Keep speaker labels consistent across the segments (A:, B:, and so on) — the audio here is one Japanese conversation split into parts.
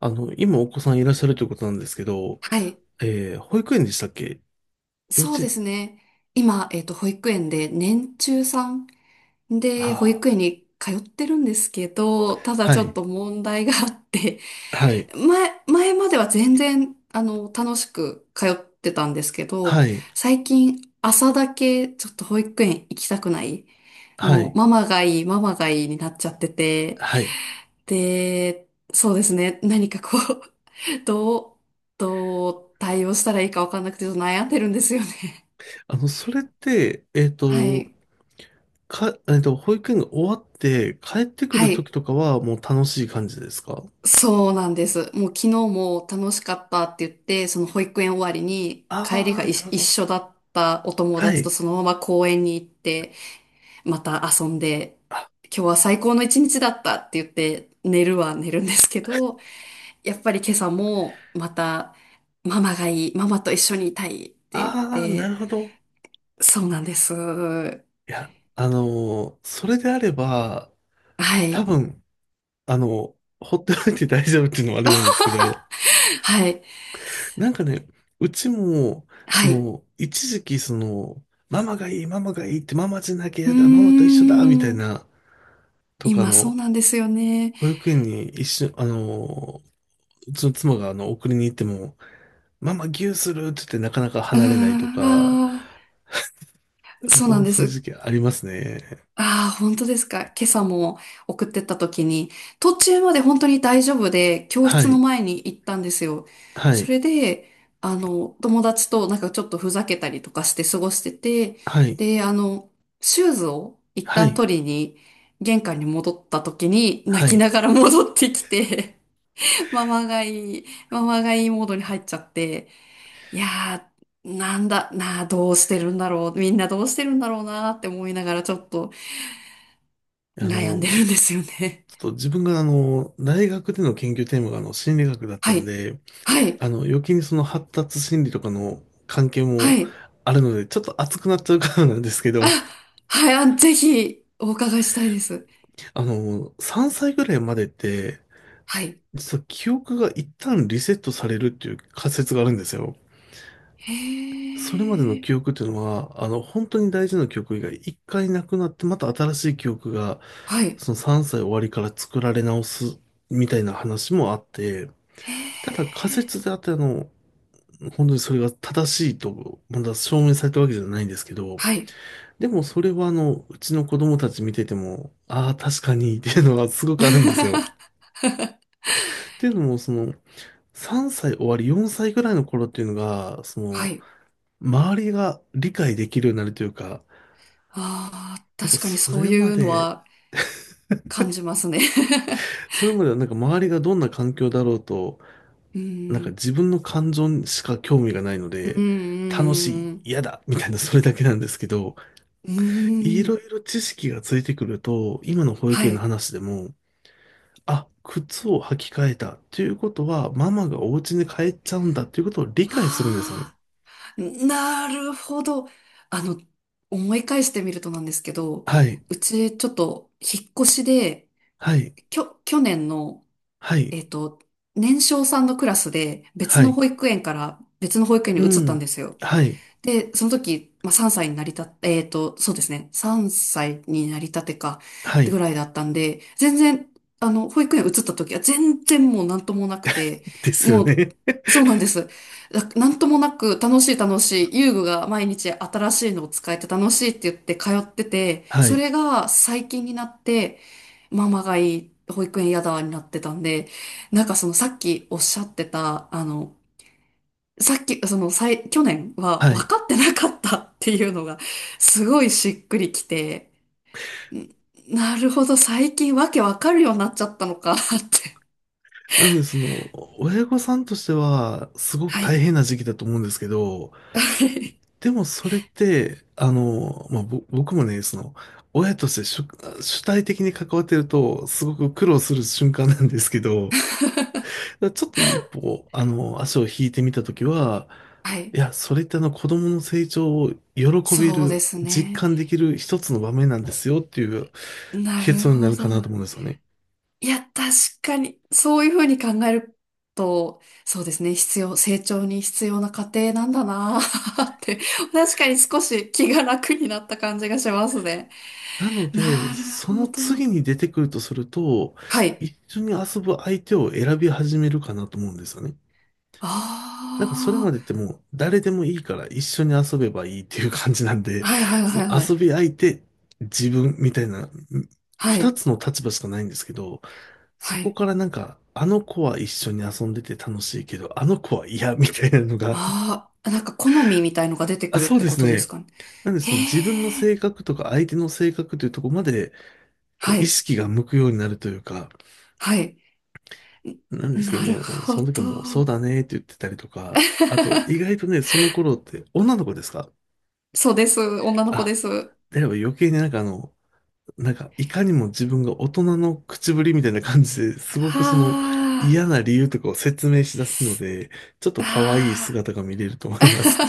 A: 今お子さんいらっしゃるということなんですけど、
B: はい。
A: 保育園でしたっけ？幼
B: そう
A: 稚
B: で
A: 園？
B: すね。今、保育園で年中さんで保育
A: ああ、
B: 園に通ってるんですけど、ただ
A: は
B: ちょっ
A: い、
B: と問題があって、
A: はい、
B: 前までは全然、楽しく通ってたんですけど、
A: はい、
B: 最近朝だけちょっと保育園行きたくない。
A: は
B: もう、
A: い、
B: ママがいい、ママがいいになっちゃってて、
A: はい。
B: で、そうですね、何かこう、どう、どう対応したらいいかわかんなくてちょっと悩んでるんですよね。
A: それって、えっ
B: は
A: と、
B: い。
A: か、えっと、保育園が終わって帰ってく
B: は
A: る時
B: い。
A: とかはもう楽しい感じですか？
B: そうなんです。もう昨日も楽しかったって言って、その保育園終わりに帰り
A: あ
B: が
A: あ
B: い
A: ー、なる
B: 一
A: ほど。
B: 緒だったお友
A: は
B: 達と
A: い。
B: そのまま公園に行って、また遊んで、
A: あ、
B: 今日は最高の一日だったって言って寝るは寝るんですけど、やっぱり今朝もまたママがいい、ママと一緒にいたいって言っ
A: ああ、な
B: て、
A: るほど。
B: そうなんです。は
A: いや、それであれば、多
B: い。
A: 分、あの、ほっておいて大丈夫っていうのはあれなんですけど、
B: はい。
A: なんかね、うちも、そ
B: はい。
A: の、一時期、その、ママがいい、ママがいいって、ママじゃなきゃ
B: うー
A: 嫌だ、ママと一緒だ、みたい
B: ん。
A: な、とか、あ
B: 今そう
A: の、
B: なんですよね。
A: 保育園に一緒、あの、うちの妻が、あの、送りに行っても、ママギューするって言って、なかなか離れないとか、
B: ああ、そうな
A: も
B: ん
A: う、
B: で
A: そういう
B: す。
A: 時期ありますね。
B: ああ、本当ですか。今朝も送ってった時に、途中まで本当に大丈夫で、教
A: は
B: 室の
A: い、
B: 前に行ったんですよ。
A: は
B: そ
A: い、
B: れで、友達となんかちょっとふざけたりとかして過ごしてて、
A: はい、
B: で、シューズを一
A: は
B: 旦
A: い、
B: 取りに、玄関に戻った時に、泣
A: は
B: き
A: い。
B: ながら戻ってきて、ママがいい、ママがいいモードに入っちゃって、いやー、なんだ、なあ、どうしてるんだろう。みんなどうしてるんだろうなって思いながらちょっと
A: あ
B: 悩ん
A: の、
B: でるんですよね。
A: ちょっと自分が、あの、大学での研究テーマが、あの、心理学だっ た
B: は
A: ん
B: い。
A: で、
B: はい。
A: あの、余計にその発達心理とかの関係
B: は
A: も
B: い。
A: あるので、ちょっと熱くなっちゃうからなんですけ
B: あ、
A: ど、
B: はい。あ、ぜひお伺いしたいです。
A: あの、3歳ぐらいまでって、
B: はい。
A: 実は記憶が一旦リセットされるっていう仮説があるんですよ。
B: へ
A: それまでの
B: ー。
A: 記憶っていうのは、あの、本当に大事な記憶が一回なくなって、また新しい記憶が、
B: はい。
A: その3歳終わりから作られ直すみたいな話もあって、
B: へ
A: た
B: ー。
A: だ仮説であって、あの、本当にそれが正しいと、まだ証明されたわけじゃないんですけど、
B: はい。
A: でもそれはあの、うちの子供たち見てても、ああ、確かにっていうのはすごくあるんですよ。っていうのも、その、3歳終わり、4歳ぐらいの頃っていうのが、そ
B: は
A: の、
B: い。
A: 周りが理解できるようになるというか、
B: ああ、
A: なんか
B: 確かに
A: そ
B: そう
A: れ
B: い
A: ま
B: うの
A: で、
B: は感じますね。
A: それまではなんか周りがどんな環境だろうと、
B: う
A: なん
B: ー
A: か
B: ん。
A: 自分の感情にしか興味がないの
B: う
A: で、楽しい、
B: ーん。
A: 嫌だ、みたいなそれだけなんですけど、
B: う
A: い
B: ーん。うー
A: ろ
B: ん
A: いろ知識がついてくると、今の保
B: は
A: 育園の
B: い。
A: 話でも、あ、靴を履き替えた。ということは、ママがお家に帰っちゃうんだということを理解するんですよ
B: は
A: ね。
B: あ。なるほど。あの、思い返してみるとなんですけど、
A: はい、
B: うちちょっと引っ越しで、
A: はい、
B: 去年の、
A: はい、
B: えっと、年少さんのクラスで別
A: は
B: の
A: い、
B: 保育園から別の保育園
A: う
B: に移ったん
A: ん、
B: ですよ。
A: はい、
B: で、その時、まあ、3歳になりた、そうですね。3歳になりたてか、
A: は
B: ぐ
A: い、
B: らいだったんで、全然、保育園移った時は全然もうなんともなくて、
A: ですよ
B: もう、
A: ね。
B: そうなんです。なんともなく、楽しい楽しい、遊具が毎日新しいのを使えて楽しいって言って通ってて、
A: は
B: そ
A: い、
B: れが最近になって、ママがいい、保育園嫌だになってたんで、なんかそのさっきおっしゃってた、さっき、その、さい去年は
A: は
B: 分
A: い。
B: かってなかったっていうのが、すごいしっくりきて、んなるほど、最近わけ分かるようになっちゃったのかって。
A: なので、その、親御さんとしては、す ごく
B: は
A: 大
B: い。
A: 変な時期だと思うんですけど、でもそれって、あの、まあ、僕もね、その、親として主、主体的に関わってると、すごく苦労する瞬間なんですけど、だからちょっと一歩、あの、足を引いてみたときは、
B: は
A: い
B: い。
A: や、それってあの子供の成長を喜べ
B: そうで
A: る、
B: す
A: 実
B: ね。
A: 感できる一つの場面なんですよっていう
B: なる
A: 結論にな
B: ほ
A: る
B: ど。
A: かなと思うんですよね。
B: いや、確かに、そういうふうに考えると、そうですね、成長に必要な過程なんだなー って、確かに少し気が楽になった感じがしますね。
A: なの
B: な
A: で、
B: る
A: そ
B: ほ
A: の
B: ど。
A: 次に出てくるとすると、
B: はい。
A: 一緒に遊ぶ相手を選び始めるかなと思うんですよね。なんかそれま
B: あ
A: でってもう誰でもいいから一緒に遊べばいいっていう感じなんで、
B: あ、はいはい
A: そ
B: は
A: の
B: いはい。
A: 遊び相手、自分みたいな、
B: は
A: 二
B: い、
A: つの立場しかないんですけど、そ
B: は
A: こ
B: い。
A: からなんか、あの子は一緒に遊んでて楽しいけど、あの子は嫌みたいなのが、
B: ああ、なんか好みみたいのが出て く
A: あ、
B: るっ
A: そう
B: て
A: で
B: こ
A: す
B: とです
A: ね。
B: かね。
A: なんで
B: へ
A: その自分の
B: え、
A: 性格とか相手の性格というところまで、こう
B: は
A: 意
B: い、
A: 識が向くようになるというか、
B: はい。
A: なんで
B: ん
A: すけ
B: な
A: ど
B: る
A: も、
B: ほ
A: その時
B: ど。
A: はもうそうだねって言ってたりとか、あと 意外とね、その頃って女の子ですか？
B: そうです。女の子
A: あ、
B: です。は
A: であれば余計になんかあの、なんか、いかにも自分が大人の口ぶりみたいな感じですごくその
B: あ、
A: 嫌な理由とかを説明し出すので、ちょっと可愛い
B: あ
A: 姿が見れると思います。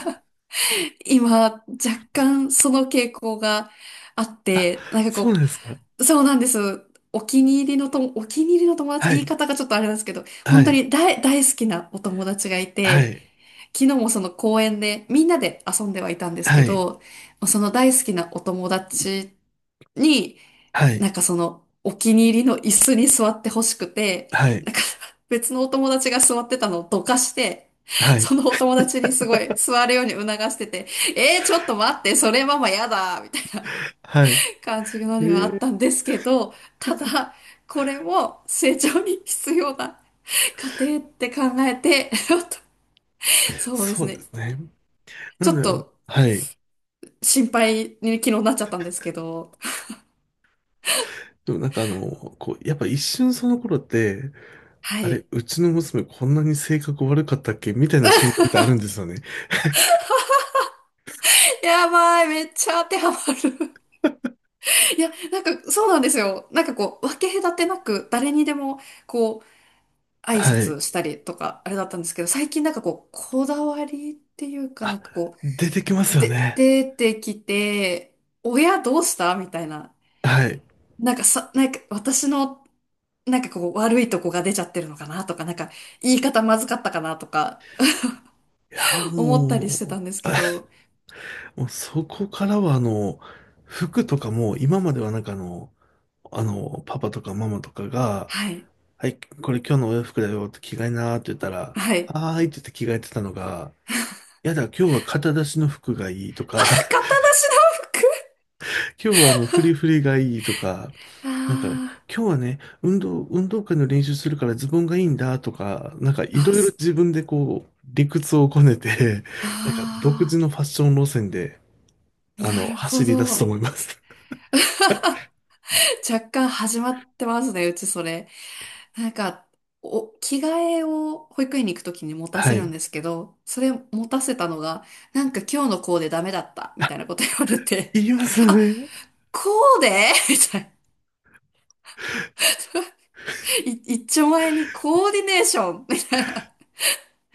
B: ー今、若干その傾向があって、なん か
A: そうな
B: こ
A: んですか？
B: う、そうなんです。お気に入りの友達、
A: は
B: 言い
A: い、
B: 方がちょっとあれなんですけど、
A: は
B: 本当
A: い、
B: に大好きなお友達がい
A: は
B: て、
A: い、
B: 昨日もその公園でみんなで遊んではいたんです
A: は
B: け
A: い、
B: ど、その大好きなお友達に、
A: は
B: な
A: い、
B: んかそのお気に入りの椅子に座ってほしくて、
A: はい、
B: なんか 別のお友達が座ってたのをどかして、
A: は
B: そ
A: い、
B: のお友達にすごい座るように促してて、ちょっと待って、それママやだみたいな
A: はい。
B: 感じの
A: え
B: にはあっ
A: ー、
B: たんですけど、ただ、これも成長に必要な過程って考えて、そうで
A: そ
B: す
A: うで
B: ね。
A: すね。な
B: ちょ
A: の
B: っ
A: で、あの、
B: と
A: はい。
B: 心配に昨日なっちゃったんですけど。
A: でもなんかあの、こう、やっぱ一瞬その頃って、
B: は
A: あれ、
B: い。
A: うちの娘こんなに性格悪かったっけみたいな瞬間ってあるんですよね。
B: やばい、めっちゃ当てはまる。いや、なんかそうなんですよ。なんかこう、分け隔てなく誰にでもこう、挨
A: はい。
B: 拶したりとか、あれだったんですけど、最近なんかこう、こだわりっていうかな
A: あ、
B: んかこ
A: 出てきま
B: う、
A: すよね。
B: 出てきて、親どうしたみたいな。
A: はい。
B: なんかさ、なんか私の、なんかこう、悪いとこが出ちゃってるのかなとか、なんか言い方まずかったかなとか、
A: いや、
B: 思ったりしてた
A: も
B: んですけど、
A: う、もうそこからは、あの、服とかも、今まではなんかあの、あの、パパとかママとかが、
B: はい。
A: はい、これ今日のお洋服だよって着替えなーって言ったら、
B: はい。
A: はーいって言って着替えてたのが、いやだ、今日は肩出しの服がいいと
B: あ、
A: か、
B: 型なしの服
A: 今日はあの、フリフリがいいとか、なんか、今
B: あ
A: 日はね、運動会の練習するからズボンがいいんだとか、なんか
B: ー
A: い
B: あ、
A: ろいろ
B: す、
A: 自分でこう、理屈をこねて、なんか独自
B: あ
A: のファッション路線で、
B: ー、
A: あ
B: な
A: の、
B: るほ
A: 走り出すと
B: ど。
A: 思います。
B: 若干始まってますね、うちそれ。なんか、着替えを保育園に行くときに持 た
A: は
B: せるん
A: い。
B: ですけど、それ持たせたのが、なんか今日のコーデダメだった、みたいなこと言われて、
A: 言いますよ
B: あ、
A: ね。
B: コーデみたいな。一丁前にコーディネーションみ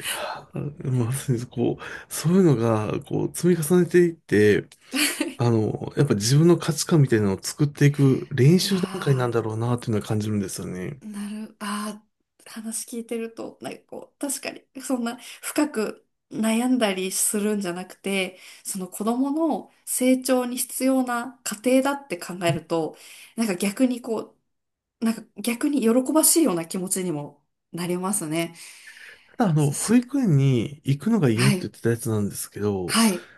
A: あ、まさにこう、そういうのが、こう、積み重ねていって、
B: たい
A: あの、やっぱ自分の価値観みたいなのを作っていく練
B: な。う
A: 習段階なん
B: わ
A: だ
B: ー
A: ろうな、っていうのは感じるんですよね。
B: ああ、話聞いてると、なんかこう、確かに、そんな深く悩んだりするんじゃなくて、その子供の成長に必要な過程だって考えると、なんか逆にこう、なんか逆に喜ばしいような気持ちにもなりますね。
A: ただ、あの、
B: す
A: 保
B: す
A: 育園に行くのが嫌っ
B: は
A: て言
B: い、
A: ってたやつなんですけど、
B: はい、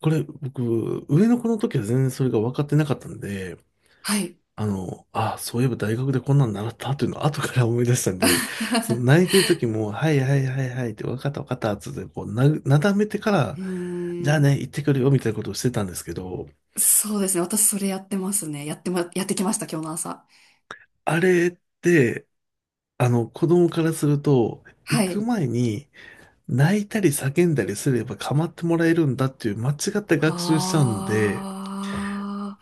A: これ、僕、上の子の時は全然それが分かってなかったんで、
B: はい。
A: あの、あ、そういえば大学でこんなの習ったっていうのを後から思い出したんで、その泣い てる時も、はいはいはいはいって、わかったわかったっつって、なだめてか
B: う
A: ら、じゃ
B: ー
A: あ
B: ん、
A: ね、行ってくるよみたいなことをしてたんですけど、
B: そうですね。私それやってますね。やってきました、今日の朝。
A: あれって、あの、子供からすると、行
B: は
A: く
B: い。
A: 前に泣いたり叫んだりすれば構ってもらえるんだっていう間違った学習しちゃうんで、
B: ああ、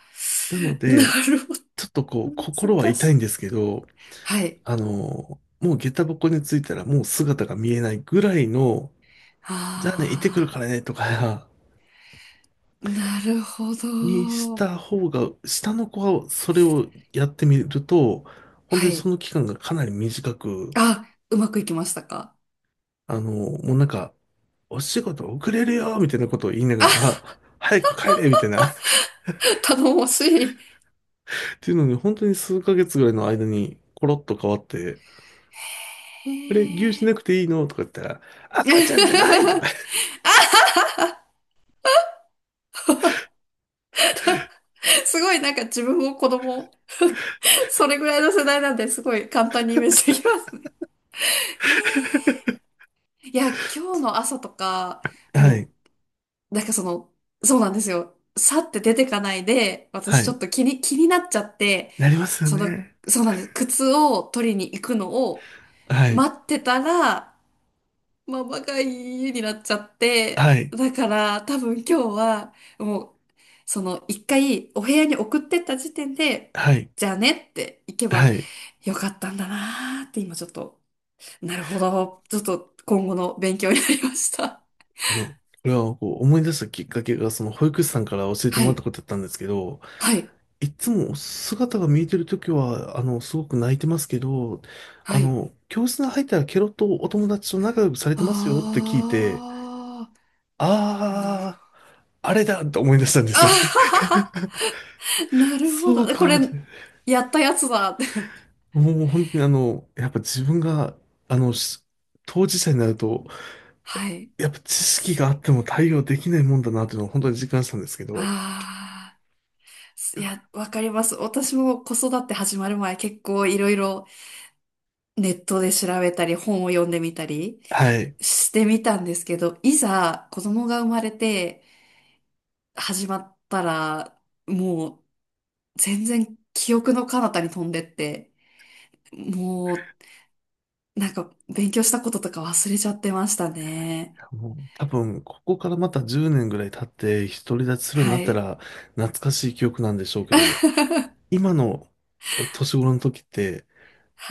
A: なの
B: な
A: で、
B: るほど。
A: ちょっとこう、心は
B: 難
A: 痛
B: し
A: いん
B: い。
A: ですけど、
B: はい。
A: あの、もう下駄箱に着いたらもう姿が見えないぐらいの、じゃあね、行ってくる
B: あ
A: からね、とか、
B: あ、なるほ
A: にし
B: ど。
A: た方が、下の子がそれをやってみると、本当
B: は
A: にそ
B: い。
A: の期間がかなり短く、
B: あ、うまくいきましたか
A: あの、もうなんか、お仕事遅れるよみたいなことを言いなが
B: あ、
A: ら、早く帰れみたいな っ
B: 頼もしい。
A: ていうのに、本当に数ヶ月ぐらいの間に、コロッと変わって、
B: へ
A: あれ、牛し
B: え。
A: なくていいのとか言ったら、赤ちゃんじゃないとか
B: あ、すごい、なんか自分も子供、それぐらいの世代なんで、すごい簡単にイメージできます。いや、今日の朝とか、
A: は
B: も
A: い、
B: うなんかその、そうなんですよ。さって出てかないで、
A: は
B: 私ちょ
A: い、
B: っと気になっちゃって、
A: なりますよ
B: その、
A: ね。
B: そうなんです。靴を取りに行くのを
A: はい、
B: 待ってたら、ママが家になっちゃって、
A: はい、
B: だから多分今日は、もう、その一回お部屋に送ってった時点で、
A: はい、
B: じゃあねって行け
A: は
B: ば
A: い。
B: よかったんだなーって今ちょっと、なるほど。ちょっと今後の勉強になりました。
A: あの、これはこう思い出したきっかけが、その保育士さんから教えて
B: は
A: もらった
B: い。
A: ことだったんですけど、
B: はい。
A: いつも姿が見えてるときは、あの、すごく泣いてますけど、
B: は
A: あ
B: い。
A: の、教室に入ったらケロッとお友達と仲良くされてますよって聞いて、
B: ああ、なるほ
A: あ
B: ど。
A: ー、あれだと思い出したんで
B: あ
A: す
B: は
A: よ。
B: はは な るほ
A: そ
B: ど。
A: う
B: こ
A: か
B: れ、
A: って。
B: やったやつだって。
A: もう本当にあの、やっぱ自分が、あの、し当事者になると、
B: はい。
A: やっぱ知識があっても対応できないもんだなっていうのを本当に実感したんですけど、
B: ああ、いや、わかります。私も子育て始まる前、結構いろいろネットで調べたり、本を読んでみたり
A: はい。
B: してみたんですけど、いざ子供が生まれて始まったら、もう全然記憶の彼方に飛んでって、もうなんか勉強したこととか忘れちゃってましたね。
A: もう多分、ここからまた10年ぐらい経って独り立ちするように
B: は
A: なった
B: い。
A: ら懐かしい記憶なんでしょうけど、今の年頃の時って、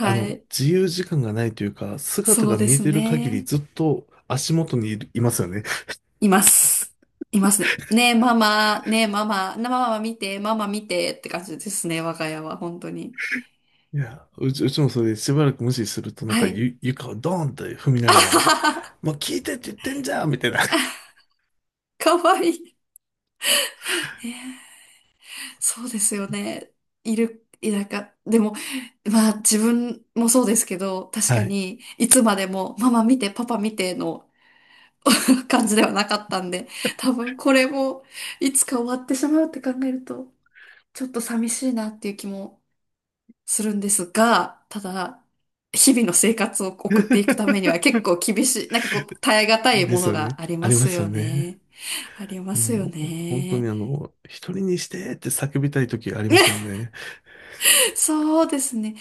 A: あの、
B: い。
A: 自由時間がないというか、姿
B: そう
A: が
B: で
A: 見え
B: す
A: てる限り
B: ね。
A: ずっと足元にいる、いますよね。
B: います。いますね。ねえ、ママ、ねえ、ママ、ママ見て、ママ見てって感じですね、我が家は、本当に。
A: いや、うちもそれでしばらく無視するとなんか
B: はい。
A: 床をドーンって踏み な
B: あ
A: が
B: は
A: ら、
B: はは、
A: もう聞いてって言ってんじゃんみたいな。
B: かわいい。そうですよね。いる、いなか、でも、まあ自分もそうですけど、確
A: は
B: か
A: い。
B: に、いつまでも、ママ見て、パパ見ての 感じではなかったんで、多分これも、いつか終わってしまうって考えると、ちょっと寂しいなっていう気もするんですが、ただ、日々の生活を送っていくためには 結構厳しい、なんかこう、耐え難い
A: で
B: も
A: す
B: の
A: よね。
B: があり
A: あ
B: ま
A: りま
B: す
A: すよ
B: よ
A: ね。
B: ね。ありますよ
A: もう、本当に
B: ね。
A: あの、一人にしてって叫びたい時ありますもん ね。
B: そうですね。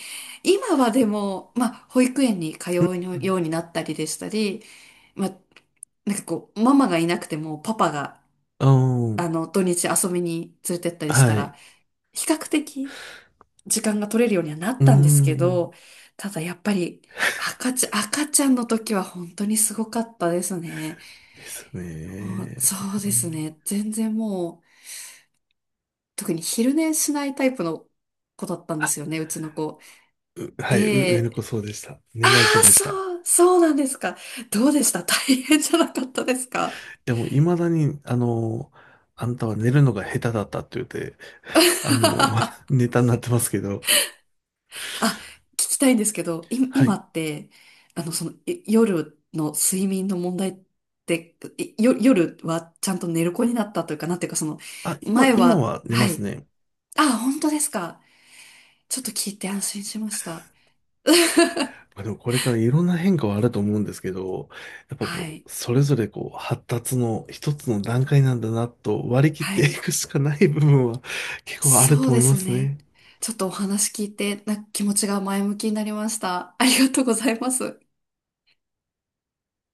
B: 今はでも、まあ、保育園に通う
A: うん。
B: ようになったりでしたり、まあ、なんかこう、ママがいなくてもパパが、
A: うん。
B: 土日遊びに連れてったりした
A: はい。
B: ら、比較的時間が取れるようにはなっ
A: うー
B: たんですけ
A: ん。
B: ど、ただやっぱり赤ちゃんの時は本当にすごかったですね。
A: です
B: もうそ
A: ね。
B: うですね。全然もう、特に昼寝しないタイプの子だったんですよね、うちの子。
A: う、はい。う、上の子
B: で、
A: そうでした。
B: あ
A: 寝ない子
B: あ、
A: でし
B: そ
A: た。
B: う、そうなんですか。どうでした大変じゃなかったですか
A: でも、いまだに、あの、あんたは寝るのが下手だったって言って、あの、ネタになってますけど。
B: あ、聞きたいんですけど、
A: は
B: 今
A: い。
B: って、その、夜の睡眠の問題って、夜はちゃんと寝る子になったというか、なんていうか、その、
A: あ、
B: 前
A: 今
B: は、
A: は寝
B: は
A: ます
B: い。
A: ね。
B: あ、本当ですか。ちょっと聞いて安心しました。
A: まあ でも、これからいろんな変化はあると思うんですけど、やっぱ
B: は
A: こ
B: い。
A: う、それぞれこう、発達の一つの段階なんだなと割り切っ
B: は
A: てい
B: い。
A: くしかない部分は結構ある
B: そ
A: と
B: う
A: 思
B: で
A: いま
B: す
A: す
B: ね。
A: ね。
B: ちょっとお話聞いて、気持ちが前向きになりました。ありがとうございます。